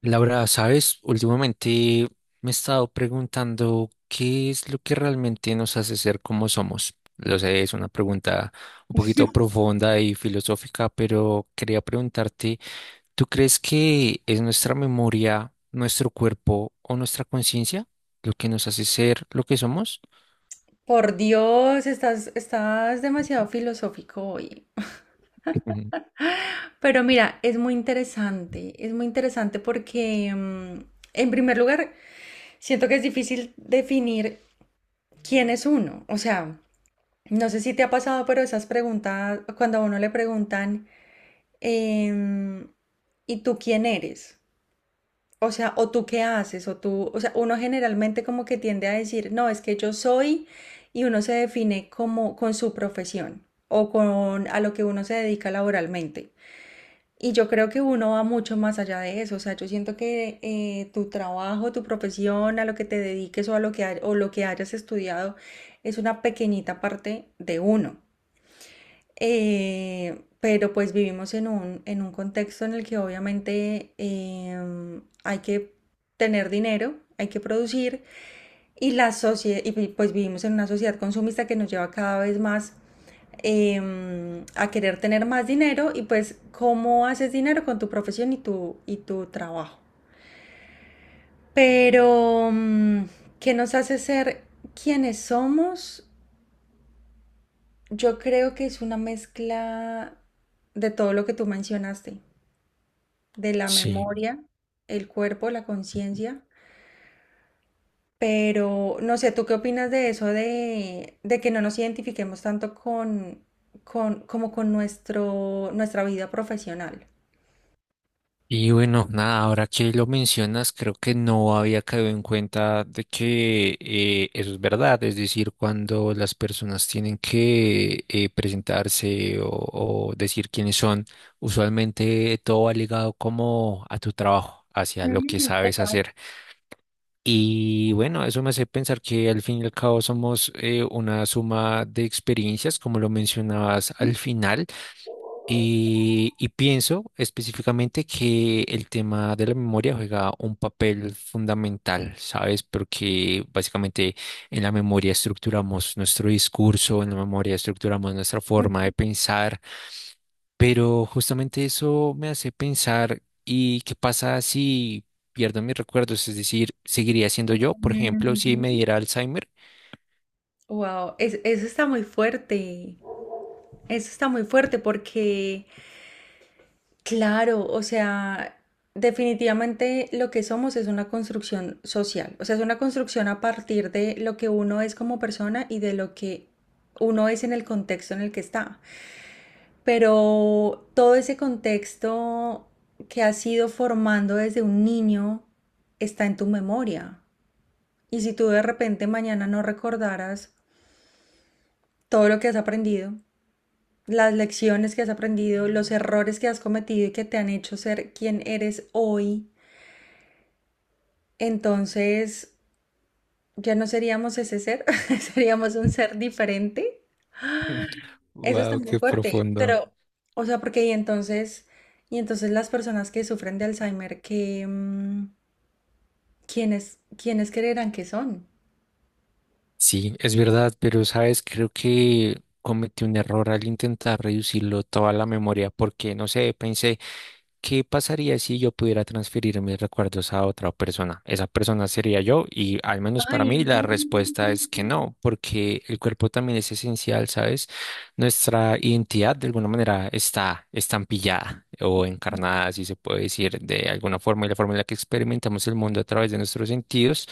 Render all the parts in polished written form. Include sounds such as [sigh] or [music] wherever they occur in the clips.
Laura, ¿sabes? Últimamente me he estado preguntando qué es lo que realmente nos hace ser como somos. Lo sé, es una pregunta un poquito profunda y filosófica, pero quería preguntarte, ¿tú crees que es nuestra memoria, nuestro cuerpo o nuestra conciencia lo que nos hace ser lo que somos? Por Dios, estás demasiado filosófico hoy. Ujú. Pero mira, es muy interesante porque, en primer lugar, siento que es difícil definir quién es uno. O sea, no sé si te ha pasado, pero esas preguntas, cuando a uno le preguntan, em, ¿y tú quién eres? O sea, o tú qué haces, o tú, o sea, uno generalmente como que tiende a decir, no, es que yo soy, y uno se define como con su profesión o con a lo que uno se dedica laboralmente. Y yo creo que uno va mucho más allá de eso. O sea, yo siento que tu trabajo, tu profesión, a lo que te dediques o a lo que, o lo que hayas estudiado, es una pequeñita parte de uno. Pero pues vivimos en un contexto en el que obviamente hay que tener dinero, hay que producir y la sociedad, y pues vivimos en una sociedad consumista que nos lleva cada vez más a querer tener más dinero y pues cómo haces dinero con tu profesión y tu trabajo. Pero, ¿qué nos hace ser quienes somos? Yo creo que es una mezcla de todo lo que tú mencionaste, de la Sí. memoria, el cuerpo, la conciencia. Pero no sé, ¿tú qué opinas de eso de que no nos identifiquemos tanto con como con nuestro, nuestra vida profesional? Y bueno, nada, ahora que lo mencionas, creo que no había caído en cuenta de que eso es verdad, es decir, cuando las personas tienen que presentarse o decir quiénes son, usualmente todo va ligado como a tu trabajo, hacia lo que sabes hacer. Y bueno, eso me hace pensar que al fin y al cabo somos una suma de experiencias, como lo mencionabas al final. Y pienso específicamente que el tema de la memoria juega un papel fundamental, ¿sabes? Porque básicamente en la memoria estructuramos nuestro discurso, en la memoria estructuramos nuestra forma de pensar, pero justamente eso me hace pensar, ¿y qué pasa si pierdo mis recuerdos? Es decir, ¿seguiría siendo yo, por ejemplo, si me diera Alzheimer? Wow, eso está muy fuerte. Eso está muy fuerte porque, claro, o sea, definitivamente lo que somos es una construcción social. O sea, es una construcción a partir de lo que uno es como persona y de lo que uno es en el contexto en el que está. Pero todo ese contexto que has ido formando desde un niño está en tu memoria. Y si tú de repente mañana no recordaras todo lo que has aprendido, las lecciones que has aprendido, los errores que has cometido y que te han hecho ser quien eres hoy, entonces ya no seríamos ese ser, [laughs] seríamos un ser diferente. [laughs] Eso está Wow, muy qué fuerte, profundo. pero, o sea, porque y entonces, las personas que sufren de Alzheimer, que, ¿quiénes creerán que son? Sí, es verdad, pero sabes, creo que cometí un error al intentar reducirlo toda la memoria, porque no sé, pensé. ¿Qué pasaría si yo pudiera transferir mis recuerdos a otra persona? Esa persona sería yo y al menos para mí la respuesta es que no, porque el cuerpo también es esencial, ¿sabes? Nuestra identidad de alguna manera está estampillada o encarnada, si se puede decir, de alguna forma y la forma en la que experimentamos el mundo a través de nuestros sentidos,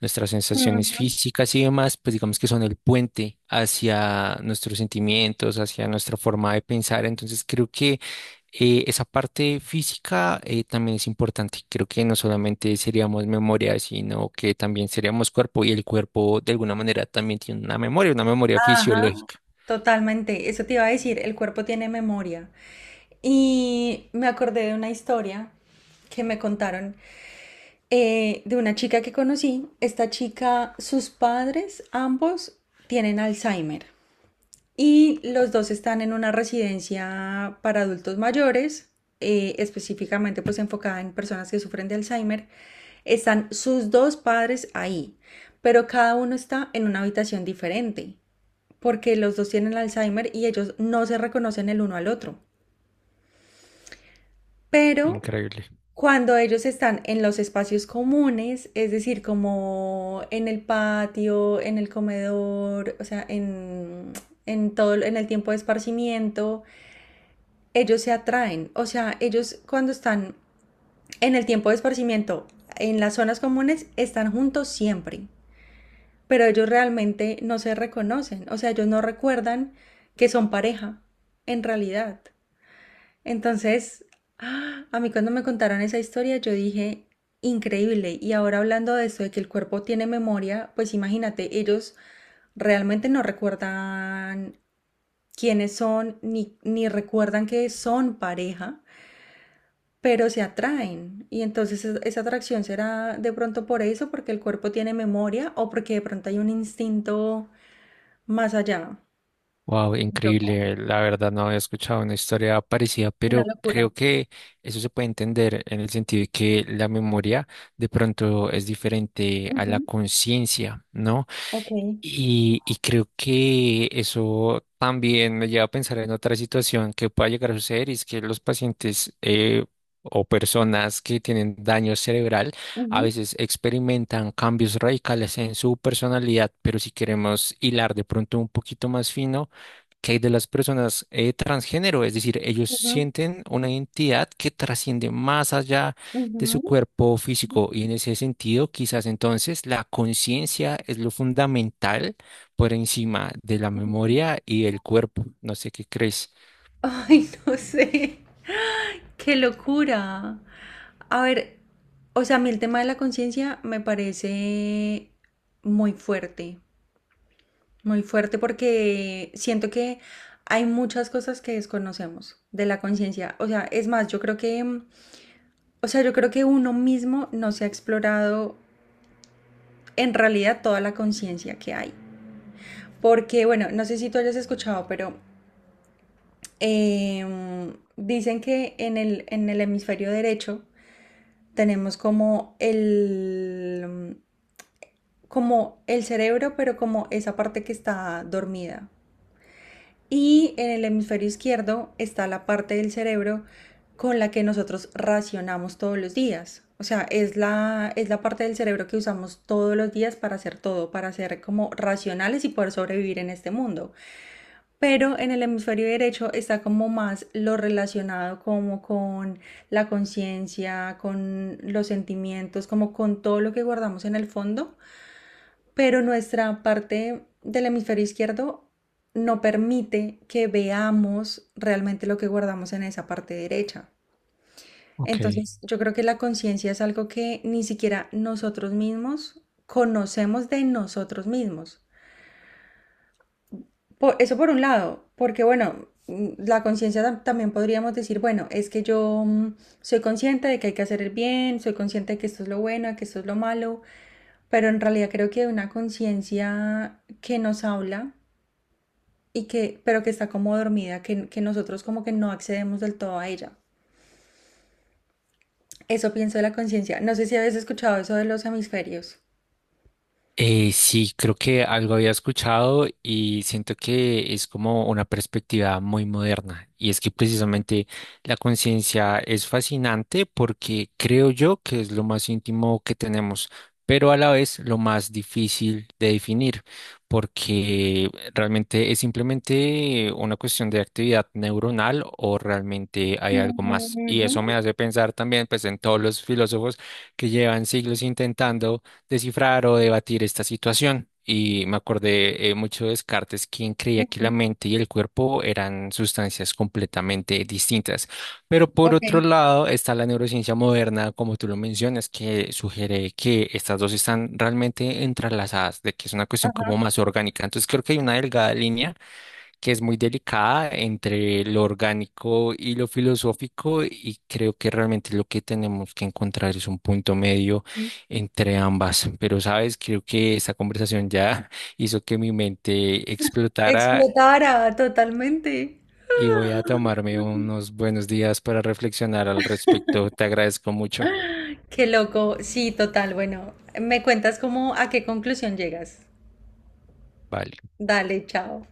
nuestras sensaciones físicas y demás, pues digamos que son el puente hacia nuestros sentimientos, hacia nuestra forma de pensar. Entonces creo que esa parte física también es importante. Creo que no solamente seríamos memoria, sino que también seríamos cuerpo y el cuerpo de alguna manera también tiene una memoria Ajá. fisiológica. Totalmente, eso te iba a decir, el cuerpo tiene memoria. Y me acordé de una historia que me contaron de una chica que conocí. Esta chica, sus padres, ambos tienen Alzheimer. Y los dos están en una residencia para adultos mayores, específicamente pues enfocada en personas que sufren de Alzheimer. Están sus dos padres ahí, pero cada uno está en una habitación diferente, porque los dos tienen Alzheimer y ellos no se reconocen el uno al otro. Pero Increíble. cuando ellos están en los espacios comunes, es decir, como en el patio, en el comedor, o sea, en todo en el tiempo de esparcimiento, ellos se atraen, o sea, ellos cuando están en el tiempo de esparcimiento, en las zonas comunes, están juntos siempre, pero ellos realmente no se reconocen, o sea, ellos no recuerdan que son pareja, en realidad. Entonces, ¡ah! A mí cuando me contaron esa historia, yo dije, increíble, y ahora hablando de esto, de que el cuerpo tiene memoria, pues imagínate, ellos realmente no recuerdan quiénes son, ni recuerdan que son pareja pero se atraen. Y entonces esa atracción será de pronto por eso, porque el cuerpo tiene memoria o porque de pronto hay un instinto más allá. Wow, Loco, increíble. La verdad no había escuchado una historia parecida, una pero locura. creo que eso se puede entender en el sentido de que la memoria de pronto es diferente a la conciencia, ¿no? Y creo que eso también me lleva a pensar en otra situación que pueda llegar a suceder, y es que los pacientes o personas que tienen daño cerebral a Ujú, veces experimentan cambios radicales en su personalidad, pero si queremos hilar de pronto un poquito más fino, que hay de las personas transgénero? Es decir, ellos ujú, sienten una identidad que trasciende más allá de su ujú, cuerpo físico. Y en ese sentido, quizás entonces la conciencia es lo fundamental por encima de la ujú. memoria y el cuerpo. No sé qué crees. Ay, [laughs] no sé, qué locura. A ver, o sea, a mí el tema de la conciencia me parece muy fuerte, muy fuerte porque siento que hay muchas cosas que desconocemos de la conciencia. O sea, es más, yo creo que o sea, yo creo que uno mismo no se ha explorado en realidad toda la conciencia que hay. Porque, bueno, no sé si tú hayas escuchado, pero eh, dicen que en el hemisferio derecho tenemos como el cerebro, pero como esa parte que está dormida. Y en el hemisferio izquierdo está la parte del cerebro con la que nosotros racionamos todos los días. O sea, es la parte del cerebro que usamos todos los días para hacer todo, para ser como racionales y poder sobrevivir en este mundo. Pero en el hemisferio derecho está como más lo relacionado como con la conciencia, con los sentimientos, como con todo lo que guardamos en el fondo, pero nuestra parte del hemisferio izquierdo no permite que veamos realmente lo que guardamos en esa parte derecha. Ok. Entonces, yo creo que la conciencia es algo que ni siquiera nosotros mismos conocemos de nosotros mismos. Eso por un lado, porque bueno, la conciencia también podríamos decir, bueno, es que yo, soy consciente de que hay que hacer el bien, soy consciente de que esto es lo bueno, de que esto es lo malo, pero en realidad creo que hay una conciencia que nos habla y que, pero que está como dormida, que nosotros como que no accedemos del todo a ella. Eso pienso de la conciencia. No sé si habéis escuchado eso de los hemisferios. Sí, creo que algo había escuchado y siento que es como una perspectiva muy moderna. Y es que precisamente la conciencia es fascinante porque creo yo que es lo más íntimo que tenemos, pero a la vez lo más difícil de definir, porque realmente es simplemente una cuestión de actividad neuronal o realmente hay algo más. Y eso me Ujú, hace pensar también pues en todos los filósofos que llevan siglos intentando descifrar o debatir esta situación. Y me acordé mucho de Descartes, quien creía que la ujú, mente y el cuerpo eran sustancias completamente distintas. Pero por otro lado está la neurociencia moderna, como tú lo mencionas, que sugiere que estas dos están realmente entrelazadas, de que es una cuestión ajá, como más orgánica. Entonces creo que hay una delgada línea que es muy delicada entre lo orgánico y lo filosófico y creo que realmente lo que tenemos que encontrar es un punto medio sí. entre ambas. Pero sabes, creo que esta conversación ya [laughs] hizo que mi mente explotara Explotara totalmente. y voy a tomarme unos buenos días para reflexionar al respecto. Te agradezco mucho. Qué loco. Sí, total. Bueno, me cuentas cómo, a qué conclusión llegas. Vale. Dale, chao.